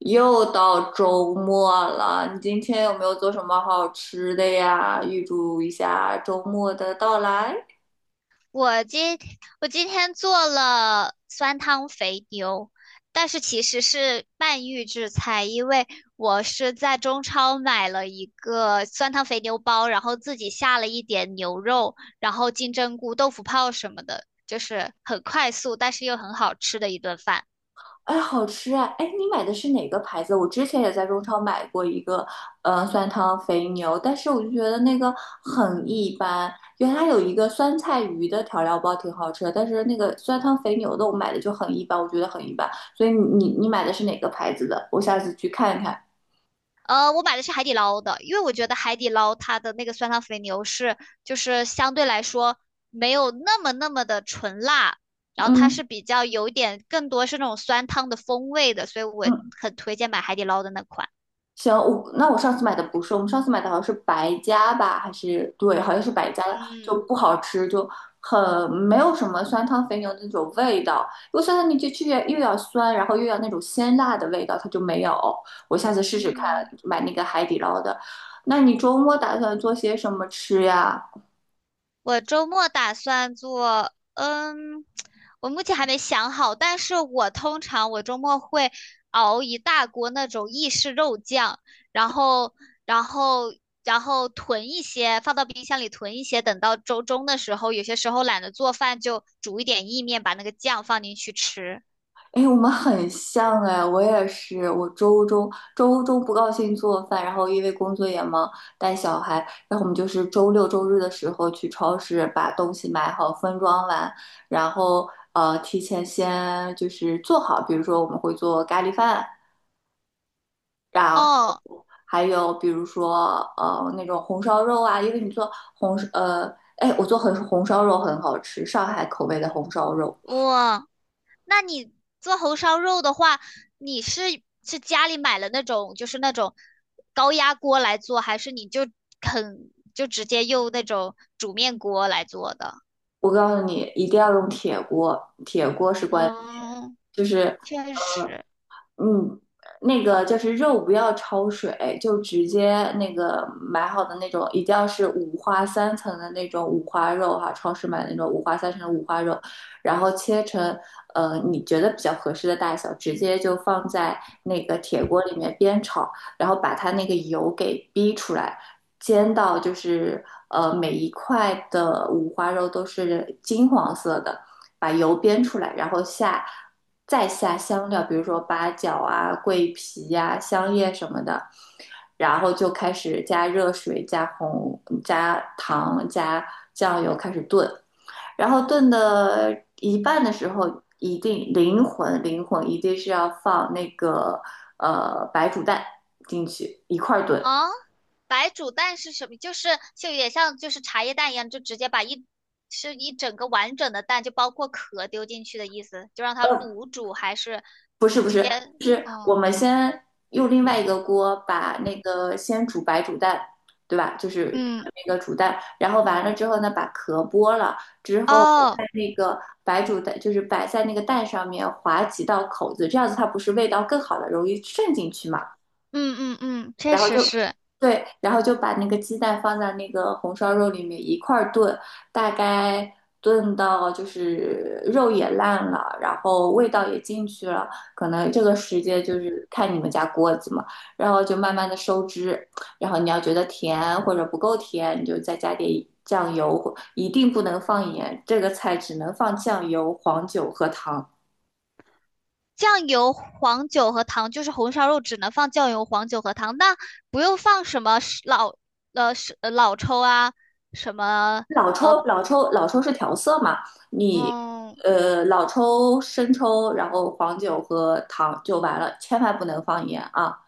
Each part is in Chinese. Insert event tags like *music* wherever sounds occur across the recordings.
又到周末了，你今天有没有做什么好吃的呀？预祝一下周末的到来。我今我今天做了酸汤肥牛，但是其实是半预制菜，因为我是在中超买了一个酸汤肥牛包，然后自己下了一点牛肉，然后金针菇、豆腐泡什么的，就是很快速，但是又很好吃的一顿饭。哎，好吃啊！哎，你买的是哪个牌子？我之前也在中超买过一个，酸汤肥牛，但是我就觉得那个很一般。原来有一个酸菜鱼的调料包挺好吃的，但是那个酸汤肥牛的我买的就很一般，我觉得很一般。所以你买的是哪个牌子的？我下次去看看。我买的是海底捞的，因为我觉得海底捞它的那个酸汤肥牛是，就是相对来说没有那么的纯辣，然后它嗯是比较有一点更多是那种酸汤的风味的，所以我嗯，很推荐买海底捞的那款。行，我那我上次买的不是，我们上次买的好像是白加吧，还是对，好像是白加的，就嗯。不好吃，就很没有什么酸汤肥牛的那种味道。因为酸汤牛就去又要酸，然后又要那种鲜辣的味道，它就没有。我下次试试看嗯。买那个海底捞的。那你周末打算做些什么吃呀？我周末打算做，我目前还没想好，但是我通常我周末会熬一大锅那种意式肉酱，然后，然后，然后囤一些，放到冰箱里囤一些，等到周中的时候，有些时候懒得做饭，就煮一点意面，把那个酱放进去吃。哎，我们很像哎，我也是，我周中不高兴做饭，然后因为工作也忙，带小孩，然后我们就是周六周日的时候去超市把东西买好，分装完，然后提前先就是做好，比如说我们会做咖喱饭，然后哦，还有比如说那种红烧肉啊，因为你做红呃哎我做红烧肉很好吃，上海口味的红烧肉。哇。那你做红烧肉的话，你是家里买了那种高压锅来做，还是你就直接用那种煮面锅来做的？我告诉你，一定要用铁锅，铁锅是关键。嗯，就是确实，嗯，那个就是肉不要焯水，就直接那个买好的那种，一定要是五花三层的那种五花肉哈、超市买的那种五花三层的五花肉，然后切成你觉得比较合适的大小，直接就放在那个铁锅里面煸炒，然后把它那个油给逼出来，煎到就是每一块的五花肉都是金黄色的。把油煸出来，然后下再下香料，比如说八角啊、桂皮呀、啊香叶什么的，然后就开始加热水、加红、加糖、加酱油开始炖，然后炖的一半的时候，一定灵魂一定是要放那个白煮蛋进去一块儿炖。啊，白煮蛋是什么？就是有点像就是茶叶蛋一样，就直接把一整个完整的蛋，就包括壳丢进去的意思，就让它卤煮，还是不是不直接，是，是嗯我们先用另外一个锅把那个先煮白煮蛋，对吧？就是嗯，那个煮蛋，然后完了之后呢，把壳剥了之后，哦，在那个白煮蛋就是摆在那个蛋上面划几道口子，这样子它不是味道更好的，容易渗进去嘛？嗯嗯嗯，确然后实就是。对，然后就把那个鸡蛋放在那个红烧肉里面一块儿炖，大概炖到就是肉也烂了，然后味道也进去了，可能这个时间就是看你们家锅子嘛，然后就慢慢的收汁，然后你要觉得甜或者不够甜，你就再加点酱油，一定不能放盐，这个菜只能放酱油、黄酒和糖。酱油、黄酒和糖，就是红烧肉只能放酱油、黄酒和糖，那不用放什么老抽啊，什么老抽，老抽，老抽是调色嘛？你嗯老抽、生抽，然后黄酒和糖就完了，千万不能放盐啊！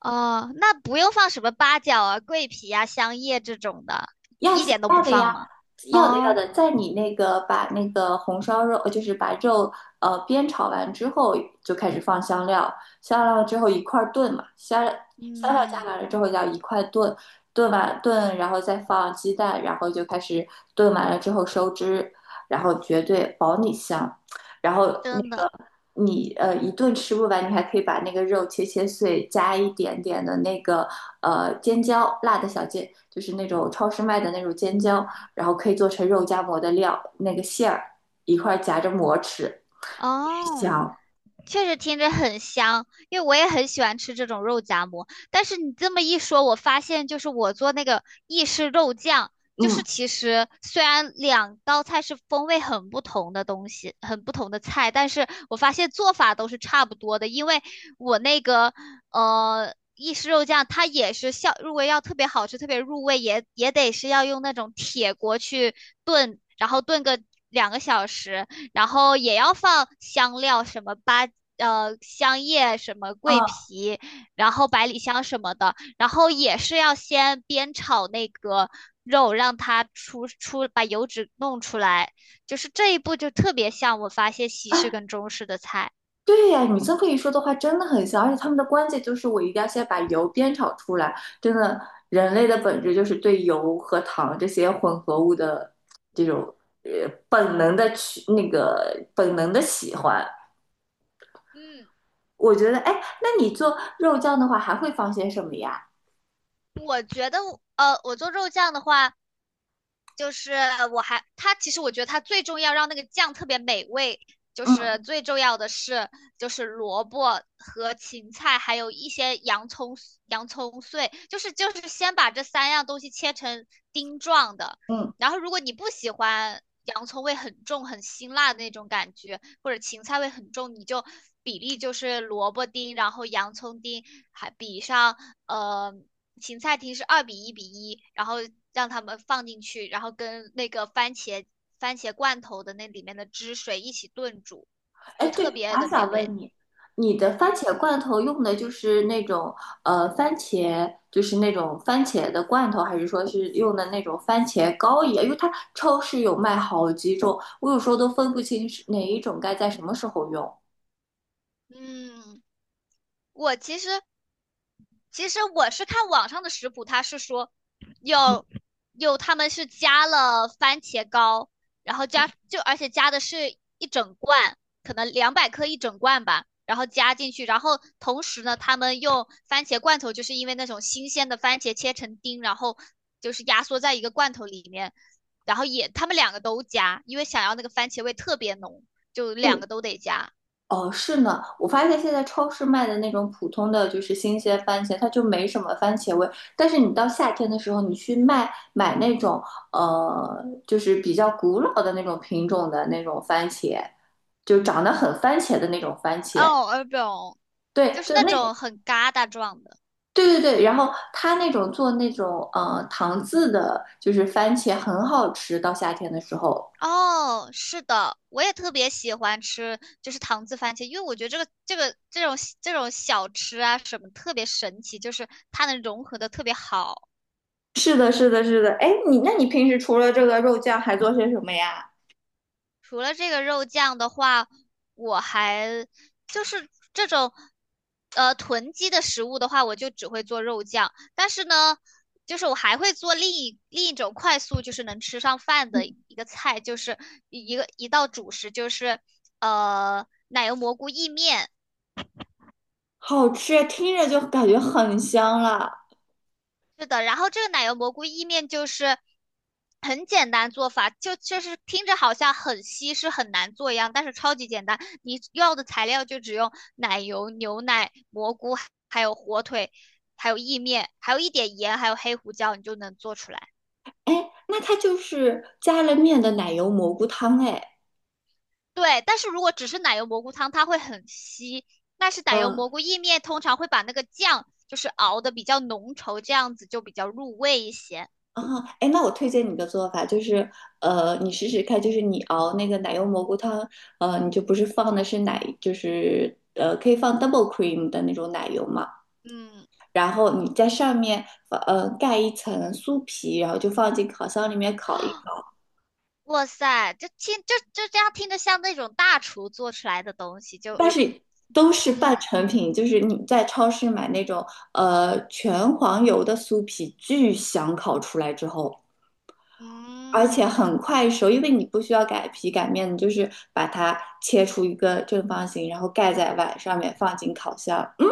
哦，那不用放什么八角啊、桂皮啊、香叶这种的，要一洗点都要不的放呀，吗？要的要哦，的，在你那个把那个红烧肉，就是把肉煸炒完之后，就开始放香料，香料之后一块儿炖嘛，香香料加嗯，完了之后要一块炖，炖完炖，然后再放鸡蛋，然后就开始炖完了之后收汁，然后绝对保你香。然后那真的个你一顿吃不完，你还可以把那个肉切碎，加一点点的那个尖椒，辣的小尖，就是那种超市卖的那种尖椒，然后可以做成肉夹馍的料，那个馅儿一块儿夹着馍吃，哦。香。确实听着很香，因为我也很喜欢吃这种肉夹馍。但是你这么一说，我发现就是我做那个意式肉酱，就是嗯，其实虽然2道菜是风味很不同的东西，很不同的菜，但是我发现做法都是差不多的。因为我那个意式肉酱，它也是效入味，如果要特别好吃、特别入味，也得是要用那种铁锅去炖，然后炖个2个小时。然后也要放香料，什么香叶、什么桂啊，皮，然后百里香什么的，然后也是要先煸炒那个肉，让它把油脂弄出来，就是这一步就特别像我发现西式跟中式的菜。对呀，你这么一说的话，真的很香。而且他们的关键就是我一定要先把油煸炒出来。真的，人类的本质就是对油和糖这些混合物的这种本能的去那个本能的喜欢。嗯，我觉得，哎，那你做肉酱的话，还会放些什么呀？我觉得我做肉酱的话，就是我还它其实我觉得它最重要让那个酱特别美味，就是嗯最重要的是就是萝卜和芹菜，还有一些洋葱碎，就是先把这3样东西切成丁状的，嗯，然后如果你不喜欢洋葱味很重很辛辣的那种感觉，或者芹菜味很重，你就比例就是萝卜丁，然后洋葱丁，还比上呃芹菜题是2:1:1，然后让他们放进去，然后跟那个番茄罐头的那里面的汁水一起炖煮，哎，就对，特我别还的美想味。问你，你的番嗯，茄罐头用的就是那种番茄，就是那种番茄的罐头，还是说是用的那种番茄膏一样？因为它超市有卖好几种，我有时候都分不清是哪一种该在什么时候用。嗯我其实我是看网上的食谱，它是说有他们是加了番茄膏，然后而且加的是一整罐，可能200克一整罐吧，然后加进去，然后同时呢，他们用番茄罐头，就是因为那种新鲜的番茄切成丁，然后就是压缩在一个罐头里面，然后他们2个都加，因为想要那个番茄味特别浓，就2个都得加。哦，是呢，我发现现在超市卖的那种普通的就是新鲜番茄，它就没什么番茄味。但是你到夏天的时候，你去卖买那种，就是比较古老的那种品种的那种番茄，就长得很番茄的那种番茄。哦，耳饼，对，就是就那那，种很疙瘩状的。对对对。然后它那种做那种糖渍的，就是番茄很好吃。到夏天的时候，哦，是的，我也特别喜欢吃，就是糖渍番茄，因为我觉得这种小吃啊什么特别神奇，就是它能融合的特别好。是的，是的，是的。哎，你那你平时除了这个肉酱还做些什么呀？除了这个肉酱的话，我还就是这种呃囤积的食物的话，我就只会做肉酱。但是呢，就是我还会做另一种快速，就是能吃上饭的一个菜，就是一道主食，就是奶油蘑菇意面。好吃啊，听着就感觉很香了。是的，然后这个奶油蘑菇意面就是很简单做法，就是听着好像很稀是很难做一样，但是超级简单。你要的材料就只用奶油、牛奶、蘑菇，还有火腿，还有意面，还有一点盐，还有黑胡椒，你就能做出来。哎，那它就是加了面的奶油蘑菇汤，哎，对，但是如果只是奶油蘑菇汤，它会很稀。但是奶油嗯，蘑菇意面通常会把那个酱就是熬的比较浓稠，这样子就比较入味一些。啊，哎，那我推荐你个做法，就是，你试试看，就是你熬那个奶油蘑菇汤，你就不是放的是奶，就是，可以放 double cream 的那种奶油嘛，嗯。然后你在上面盖一层酥皮，然后就放进烤箱里面烤。一。哇塞，就这样听着像那种大厨做出来的东西，就但是都是半嗯成品，就是你在超市买那种全黄油的酥皮，巨香烤出来之后，而且嗯，很快熟，因为你不需要擀皮擀面，你就是把它切出一个正方形，然后盖在碗上面，放进烤箱，嗯，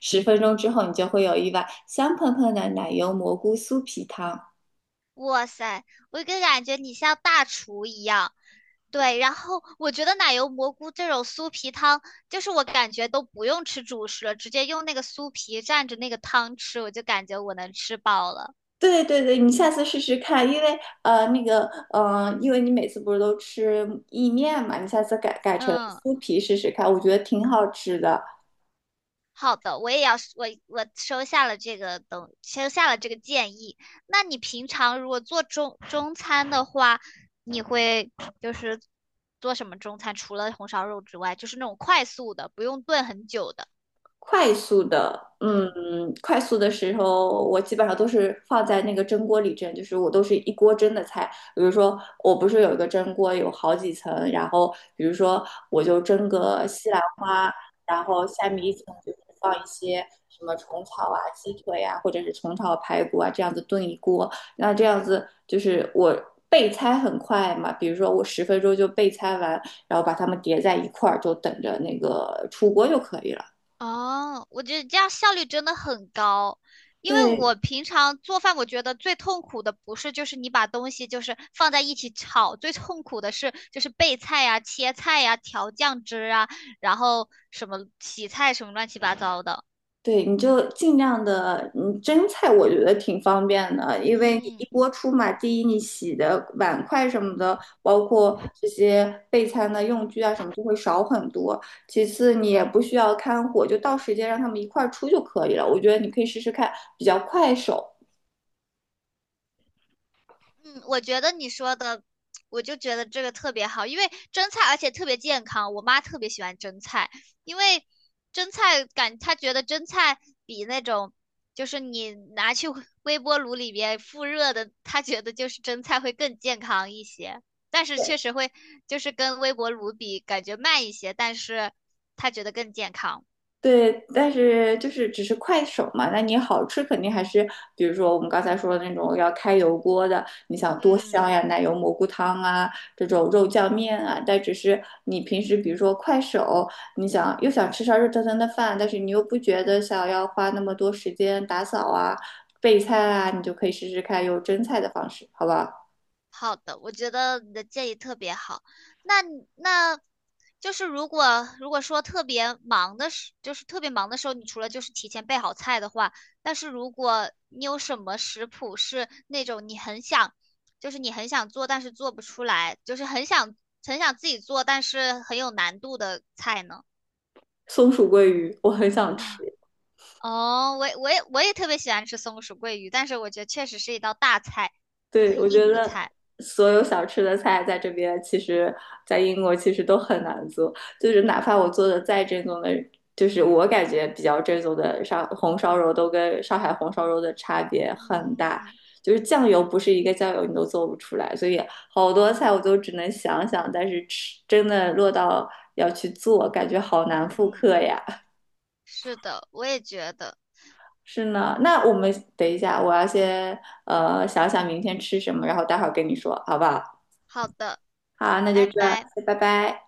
十分钟之后你就会有一碗香喷喷的奶油蘑菇酥皮汤。哇塞，我就感觉你像大厨一样。对，然后我觉得奶油蘑菇这种酥皮汤，就是我感觉都不用吃主食了，直接用那个酥皮蘸着那个汤吃，我就感觉我能吃饱了。对对对，你下次试试看，因为那个，因为你每次不是都吃意面嘛，你下次改成嗯。酥皮试试看，我觉得挺好吃的。好的，我也要我我收下了这个建议。那你平常如果做中餐的话，你会就是做什么中餐？除了红烧肉之外，就是那种快速的，不用炖很久的。快速的，嗯，嗯。快速的时候，我基本上都是放在那个蒸锅里蒸，就是我都是一锅蒸的菜。比如说，我不是有一个蒸锅，有好几层，然后比如说我就蒸个西兰花，然后下面一层就是放一些什么虫草啊、鸡腿啊，或者是虫草排骨啊，这样子炖一锅。那这样子就是我备菜很快嘛，比如说我十分钟就备菜完，然后把它们叠在一块儿，就等着那个出锅就可以了。哦，我觉得这样效率真的很高，因为对我平常做饭，我觉得最痛苦的不是就是你把东西就是放在一起炒，最痛苦的是就是备菜呀、切菜呀、调酱汁啊，然后什么洗菜什么乱七八糟的。对，你就尽量的，嗯，蒸菜我觉得挺方便的，因为你一嗯，锅出嘛，第一你洗的碗筷什么的，包括这些备餐的用具啊什么，就会少很多。其次你也不需要看火，就到时间让他们一块儿出就可以了。我觉得你可以试试看，比较快手。嗯，我觉得你说的，我就觉得这个特别好，因为蒸菜而且特别健康。我妈特别喜欢蒸菜，因为蒸菜感她觉得蒸菜比那种就是你拿去微波炉里边复热的，她觉得就是蒸菜会更健康一些。但是确实会就是跟微波炉比，感觉慢一些，但是她觉得更健康。对，但是就是只是快手嘛，那你好吃肯定还是，比如说我们刚才说的那种要开油锅的，你想多嗯，香呀，奶油蘑菇汤啊，这种肉酱面啊，但只是你平时比如说快手，你想又想吃上热腾腾的饭，但是你又不觉得想要花那么多时间打扫啊、备菜啊，你就可以试试看用蒸菜的方式，好不好？好的，我觉得你的建议特别好。那你那，就是如果说特别忙的时，就是特别忙的时候，你除了就是提前备好菜的话，但是如果你有什么食谱是那种你很想，就是你很想做但是做不出来，就是很想很想自己做但是很有难度的菜呢？松鼠桂鱼，我很 *laughs* 想吃。啊，哦，我也特别喜欢吃松鼠桂鱼，但是我觉得确实是一道大菜，对，我很觉硬的得菜。所有想吃的菜在这边，其实在英国其实都很难做，就是哪怕我做的再正宗的，就是我感觉比较正宗的上红烧肉，都跟上海红烧肉的差别很大。嗯就是酱油不是一个酱油你都做不出来，所以好多菜我都只能想想，但是吃真的落到要去做，感觉好难复嗯。刻呀。是的，我也觉得。是呢，那我们等一下，我要先想想明天吃什么，然后待会儿跟你说，好不好？好的，好，那就拜这样拜。拜拜。